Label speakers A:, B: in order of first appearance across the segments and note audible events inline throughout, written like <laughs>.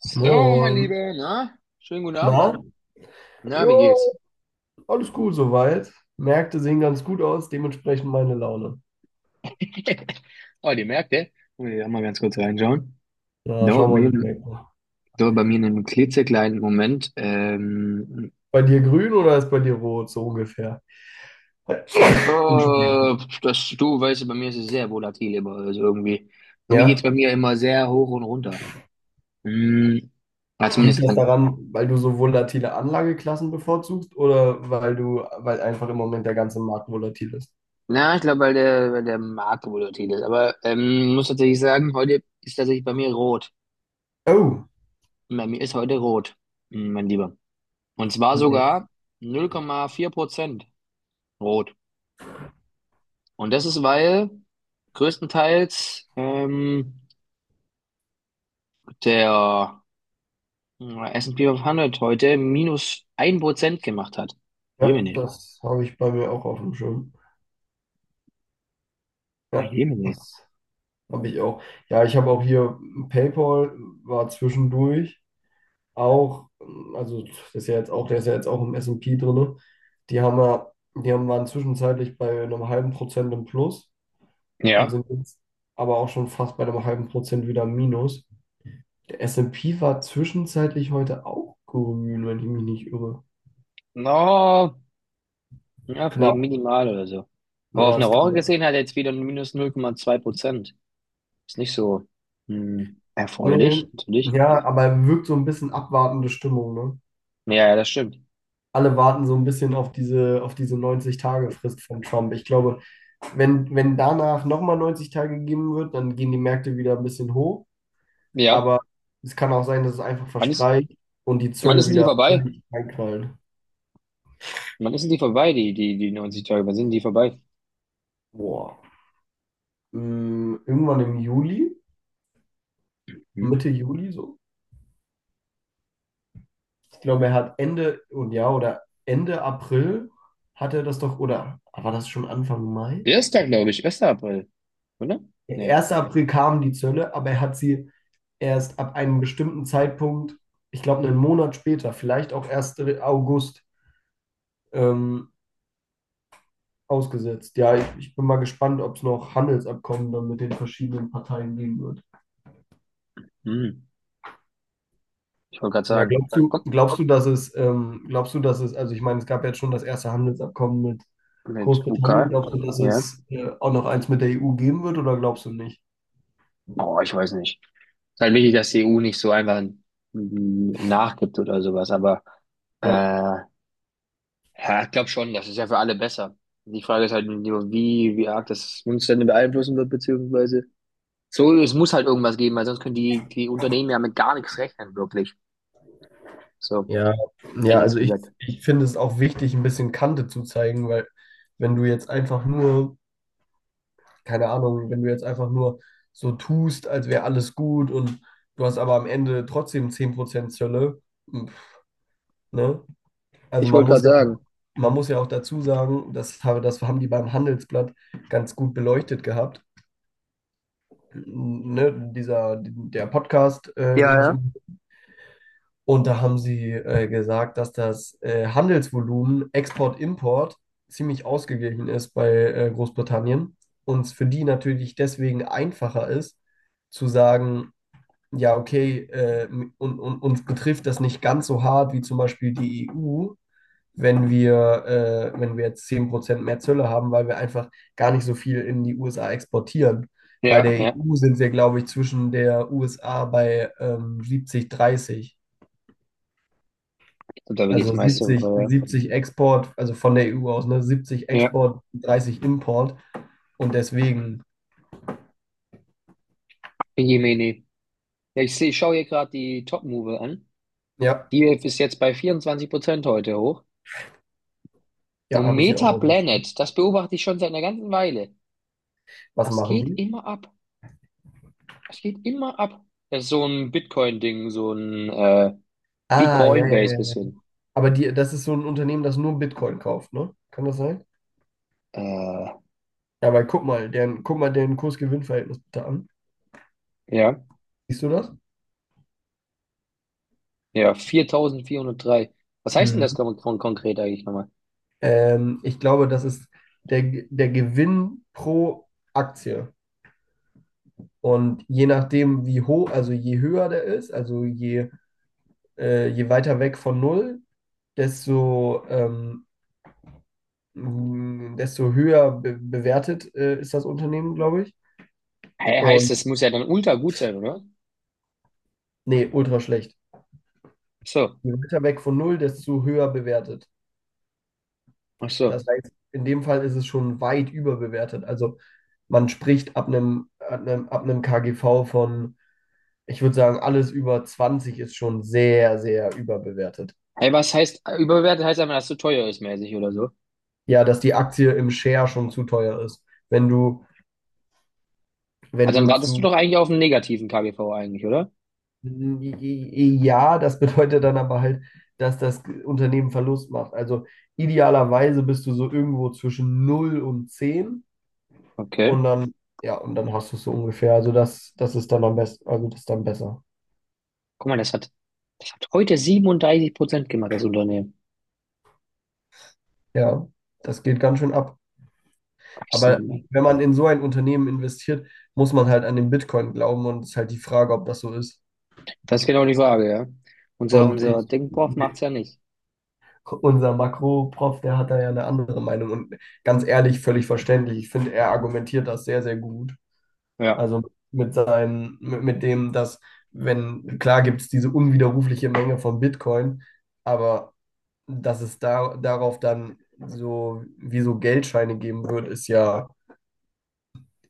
A: So, mein
B: Moin.
A: Lieber, na? Schönen guten Abend.
B: Na? Moin.
A: Na,
B: Jo,
A: wie geht's?
B: alles cool soweit. Märkte sehen ganz gut aus, dementsprechend meine Laune.
A: <laughs> Oh, die merkt, ey. Wollen wir da mal ganz kurz reinschauen?
B: Na,
A: Da,
B: schau mal,
A: mir,
B: die Märkte.
A: Da bei mir in einem klitzekleinen Moment. Ähm,
B: Bei dir grün oder ist bei dir rot, so ungefähr? <laughs> <coughs> Entschuldigung.
A: oh, das, du weißt, ja, bei mir ist es sehr volatil immer. Also irgendwie geht's
B: Ja,
A: bei mir immer sehr hoch und runter. Hm, ja,
B: liegt
A: zumindest
B: das
A: dann.
B: daran, weil du so volatile Anlageklassen bevorzugst oder weil einfach im Moment der ganze Markt volatil ist?
A: Na, ich glaube, weil der Markt volatil ist. Aber muss tatsächlich sagen, heute ist tatsächlich bei mir rot.
B: Oh,
A: Bei mir ist heute rot. Mein Lieber. Und zwar
B: nee.
A: sogar 0,4% rot. Und das ist, weil größtenteils der S&P 500 heute minus 1% gemacht hat.
B: Ja,
A: Jemine.
B: das habe ich bei mir auch auf dem Schirm.
A: Ah,
B: Ja,
A: Jemine.
B: das habe ich auch. Ja, ich habe auch hier PayPal war zwischendurch auch, also das ist ja jetzt auch, der ist ja jetzt auch im S&P drin. Die haben ja, die waren zwischenzeitlich bei einem halben Prozent im Plus und
A: Ja.
B: sind jetzt aber auch schon fast bei einem halben Prozent wieder im Minus. Der S&P war zwischenzeitlich heute auch grün, wenn ich mich nicht irre.
A: No, ja, vielleicht
B: Knapp.
A: minimal oder so. Aber auf
B: Ja,
A: eine
B: das kann
A: Woche
B: ja.
A: gesehen hat er jetzt wieder ein minus 0,2%. Ist nicht so
B: Nee,
A: erfreulich, natürlich.
B: ja, aber wirkt so ein bisschen abwartende Stimmung, ne?
A: Ja, ja, das stimmt.
B: Alle warten so ein bisschen auf diese 90-Tage-Frist von Trump. Ich glaube, wenn danach nochmal 90 Tage gegeben wird, dann gehen die Märkte wieder ein bisschen hoch.
A: Ja.
B: Aber es kann auch sein, dass es einfach
A: Wann ist,
B: verstreicht und die
A: wann ist
B: Zölle
A: denn die
B: wieder
A: vorbei?
B: völlig reinknallen.
A: Wann ist denn die vorbei, die 90 Tage? Wann sind die vorbei?
B: Boah. Irgendwann im Juli,
A: Hm?
B: Mitte Juli so. Ich glaube, er hat Ende und ja, oder Ende April hat er das doch, oder war das schon Anfang Mai?
A: Erster, glaube ich, 1. April, oder? Nee.
B: 1. April kam die Zölle, aber er hat sie erst ab einem bestimmten Zeitpunkt, ich glaube einen Monat später, vielleicht auch erst August, ähm, ausgesetzt. Ja, ich bin mal gespannt, ob es noch Handelsabkommen dann mit den verschiedenen Parteien geben wird.
A: Hm. Ich wollte gerade
B: Ja,
A: sagen, guck,
B: glaubst du, dass es, glaubst du, dass es, also ich meine, es gab jetzt schon das erste Handelsabkommen mit
A: mit
B: Großbritannien.
A: UK,
B: Glaubst du, dass
A: ja.
B: es auch noch eins mit der EU geben wird oder glaubst du nicht?
A: Oh, ich weiß nicht. Ist halt wichtig, dass die EU nicht so einfach nachgibt oder sowas, aber
B: Ja.
A: ja, ich glaube schon, das ist ja für alle besser. Die Frage ist halt nur, wie arg das uns dann beeinflussen wird, beziehungsweise so, es muss halt irgendwas geben, weil sonst können die Unternehmen ja mit gar nichts rechnen, wirklich. So,
B: Ja,
A: hätte
B: ja,
A: ich es
B: also ich,
A: gesagt.
B: ich finde es auch wichtig, ein bisschen Kante zu zeigen, weil wenn du jetzt einfach nur, keine Ahnung, wenn du jetzt einfach nur so tust, als wäre alles gut und du hast aber am Ende trotzdem 10% Zölle, m, ne? Also
A: Ich wollte gerade sagen,
B: man muss ja auch dazu sagen, das haben die beim Handelsblatt ganz gut beleuchtet gehabt. Ne? Dieser, der Podcast,
A: ja,
B: den ich
A: ja.
B: im. Und da haben sie gesagt, dass das Handelsvolumen Export-Import ziemlich ausgeglichen ist bei Großbritannien und es für die natürlich deswegen einfacher ist, zu sagen, ja, okay, uns betrifft das nicht ganz so hart wie zum Beispiel die EU, wenn wenn wir jetzt 10% mehr Zölle haben, weil wir einfach gar nicht so viel in die USA exportieren. Bei
A: Ja,
B: der
A: ja,
B: EU sind wir, glaube ich, zwischen der USA bei 70, 30.
A: darüber geht es
B: Also
A: meist darüber.
B: 70 Export, also von der EU aus, ne? 70
A: Ja,
B: Export, 30 Import. Und deswegen,
A: ja, Jemine. Ja, ich schaue hier gerade die Top-Move an.
B: ja,
A: Die ist jetzt bei 24% heute hoch.
B: ja,
A: Und
B: habe ich hier auch, auf dem-.
A: Metaplanet, das beobachte ich schon seit einer ganzen Weile.
B: Was
A: Das
B: machen
A: geht
B: die?
A: immer ab. Das geht immer ab. Das ist so ein Bitcoin-Ding, so ein wie
B: Ah, ja, ja, ja,
A: Coinbase
B: ja.
A: bisschen.
B: Aber das ist so ein Unternehmen, das nur Bitcoin kauft, ne? Kann das sein?
A: Äh,
B: Ja, weil guck mal, guck mal deren Kurs-Gewinn-Verhältnis bitte an.
A: ja,
B: Siehst du das?
A: ja, 4403. Was heißt denn das
B: Mhm.
A: konkret eigentlich nochmal?
B: Ich glaube, das ist der, der Gewinn pro Aktie. Und je nachdem, wie hoch, also je höher der ist, also je weiter weg von null, desto, ähm, desto höher be bewertet ist das Unternehmen, glaube ich.
A: Hä, heißt,
B: Und
A: das muss ja dann ultra gut sein, oder?
B: nee, ultra schlecht.
A: Ach so,
B: Je weiter weg von null, desto höher bewertet.
A: ach
B: Das
A: so.
B: heißt, in dem Fall ist es schon weit überbewertet. Also man spricht ab einem, ab einem, ab einem KGV von, ich würde sagen, alles über 20 ist schon sehr, sehr überbewertet.
A: Hey, was heißt überbewertet? Heißt einfach, dass es zu teuer ist, mäßig oder so.
B: Ja, dass die Aktie im Share schon zu teuer ist. Wenn du, wenn
A: Also dann
B: du
A: wartest du
B: zu.
A: doch eigentlich auf einen negativen KGV eigentlich, oder?
B: Ja, das bedeutet dann aber halt, dass das Unternehmen Verlust macht. Also idealerweise bist du so irgendwo zwischen null und 10
A: Okay.
B: und dann, ja, und dann hast du es so ungefähr. Also das ist dann am besten, also das ist dann besser.
A: Guck mal, das hat heute 37% gemacht, das Unternehmen.
B: Ja, das geht ganz schön ab.
A: Ach so,
B: Aber
A: Mann.
B: wenn man in so ein Unternehmen investiert, muss man halt an den Bitcoin glauben und es ist halt die Frage, ob das so ist.
A: Das ist genau die Frage, ja. Unser,
B: Und
A: unser
B: ich,
A: Dingprof macht's ja nicht.
B: unser Makro-Prof, der hat da ja eine andere Meinung und ganz ehrlich, völlig verständlich. Ich finde, er argumentiert das sehr, sehr gut.
A: Ja,
B: Also mit dem, dass, wenn, klar gibt es diese unwiderrufliche Menge von Bitcoin, aber dass es darauf dann so wie so Geldscheine geben wird, ist ja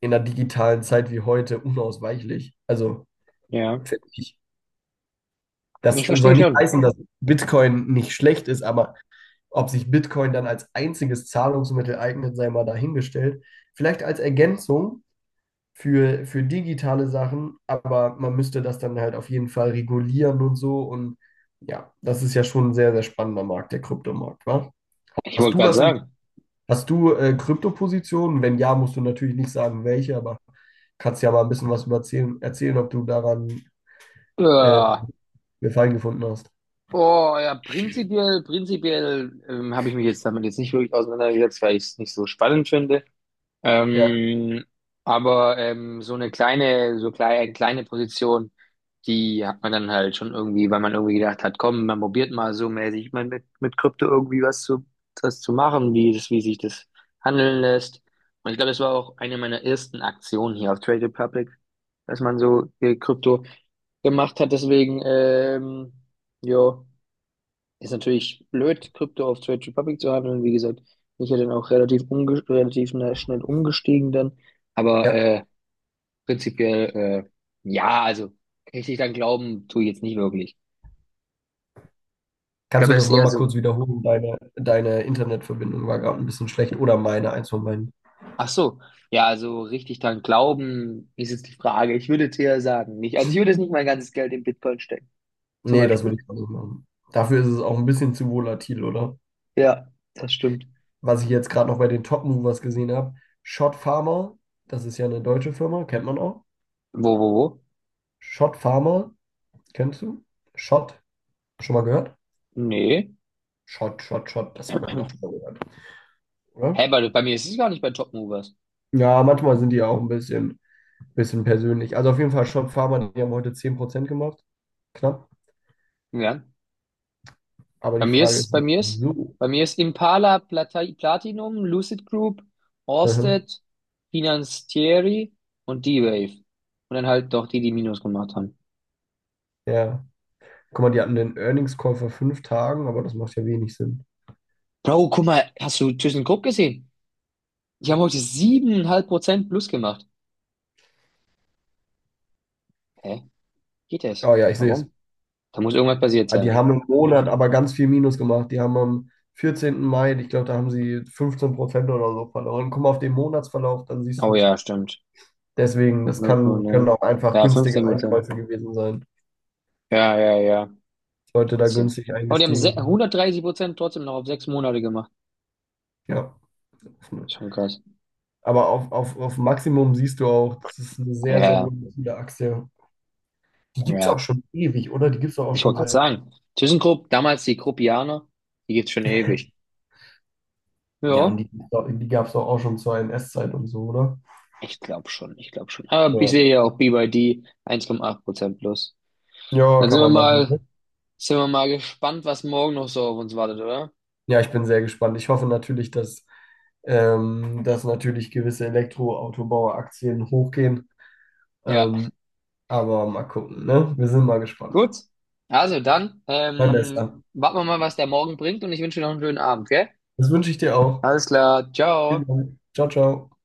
B: in einer digitalen Zeit wie heute unausweichlich. Also
A: ja.
B: finde ich. Das
A: Ich
B: soll
A: verstehe
B: nicht
A: schon.
B: heißen, dass Bitcoin nicht schlecht ist, aber ob sich Bitcoin dann als einziges Zahlungsmittel eignet, sei mal dahingestellt. Vielleicht als Ergänzung für digitale Sachen, aber man müsste das dann halt auf jeden Fall regulieren und so. Und ja, das ist ja schon ein sehr, sehr spannender Markt, der Kryptomarkt, wa?
A: Ich
B: Hast
A: wollte
B: du
A: gerade
B: was in,
A: sagen.
B: hast du Kryptopositionen? Wenn ja, musst du natürlich nicht sagen, welche, aber kannst ja mal ein bisschen was über erzählen, ob du daran äh,
A: Ja.
B: Gefallen gefunden hast.
A: Oh, ja, prinzipiell habe ich mich jetzt damit jetzt nicht wirklich auseinandergesetzt, weil ich es nicht so spannend finde.
B: Ja,
A: Ähm, aber so eine kleine, so kleine, kleine Position, die hat man dann halt schon irgendwie, weil man irgendwie gedacht hat, komm, man probiert mal so mäßig mal mit Krypto irgendwie was zu machen, wie sich das handeln lässt. Und ich glaube, das war auch eine meiner ersten Aktionen hier auf Trade Republic, dass man so Krypto gemacht hat. Deswegen, ja. Ist natürlich blöd, Krypto auf Trade Republic zu handeln. Wie gesagt, bin ich ja dann auch relativ schnell umgestiegen dann. Aber
B: ja.
A: prinzipiell, ja, also richtig dran glauben tue ich jetzt nicht wirklich. Ich
B: Kannst du
A: glaube, das
B: das
A: ist eher
B: nochmal
A: so,
B: kurz wiederholen? Deine Internetverbindung war gerade ein bisschen schlecht oder meine, eins von beiden.
A: ach so, ja, also richtig dran glauben ist jetzt die Frage. Ich würde jetzt eher sagen, nicht. Also ich würde jetzt nicht mein ganzes Geld in Bitcoin stecken, zum
B: Nee, das will
A: Beispiel.
B: ich auch nicht machen. Dafür ist es auch ein bisschen zu volatil, oder?
A: Ja, das stimmt.
B: Was ich jetzt gerade noch bei den Top Movers gesehen habe, Schott Pharma, das ist ja eine deutsche Firma, kennt man auch.
A: Wo?
B: Schott Pharma, kennst du? Schott, schon mal gehört?
A: Nee.
B: Schott, Schott, Schott, das hat man
A: <clears throat>
B: doch schon mal gehört,
A: Hä,
B: oder?
A: bei mir ist es gar nicht bei Top Movers.
B: Ja, manchmal sind die auch bisschen persönlich. Also auf jeden Fall Schott Pharma, die haben heute 10% gemacht, knapp.
A: Ja.
B: Aber
A: Bei
B: die
A: mir
B: Frage
A: ist,
B: ist,
A: bei mir ist,
B: so.
A: bei mir ist Impala Platinum, Lucid Group,
B: Mhm.
A: Orsted, Financieri und D-Wave. Und dann halt doch die, die Minus gemacht haben.
B: Ja. Guck mal, die hatten den Earnings Call vor 5 Tagen, aber das macht ja wenig Sinn.
A: Bro, guck mal, hast du ThyssenKrupp gesehen? Die haben heute 7,5% plus gemacht. Hä? Geht das?
B: Oh ja, ich sehe es.
A: Warum? Da muss irgendwas passiert
B: Ah, die
A: sein.
B: haben im Monat aber ganz viel Minus gemacht. Die haben am 14. Mai, ich glaube, da haben sie 15% oder so verloren. Guck mal auf den Monatsverlauf, dann siehst
A: Oh
B: du es.
A: ja, stimmt.
B: Deswegen, können
A: 0,9.
B: auch einfach
A: Ja,
B: günstige
A: 15%.
B: Einkäufe gewesen sein.
A: Ja, ja, ja.
B: Leute da
A: Trotzdem.
B: günstig
A: Aber die haben
B: eingestiegen
A: 130% trotzdem noch auf 6 Monate gemacht.
B: sind. Ja.
A: Schon krass.
B: Aber auf Maximum siehst du auch, das ist eine sehr, sehr
A: Ja,
B: volatile Aktie. Die gibt es auch
A: ja.
B: schon ewig, oder? Die gibt es auch
A: Ich
B: schon
A: wollte gerade
B: seit.
A: sagen, ThyssenKrupp, damals die Kruppianer, die gibt's schon ewig.
B: Ja, und
A: Ja,
B: die gab es auch schon zur S zeit und so, oder?
A: ich glaube schon, ich glaube schon. Aber ich
B: Ja.
A: sehe ja auch BYD 1,8% plus.
B: Ja,
A: Dann
B: kann
A: sind wir
B: man
A: mal,
B: machen.
A: sind wir mal gespannt, was morgen noch so auf uns wartet, oder?
B: Ja, ich bin sehr gespannt. Ich hoffe natürlich, dass natürlich gewisse Elektroautobauer-Aktien hochgehen.
A: Ja,
B: Ähm, aber mal gucken, ne? Wir sind mal gespannt.
A: gut. Also dann,
B: Mein Bester.
A: warten wir mal, was der morgen bringt und ich wünsche dir noch einen schönen Abend, gell?
B: Das wünsche ich dir auch.
A: Alles klar,
B: Vielen
A: ciao.
B: Dank. Ciao, ciao.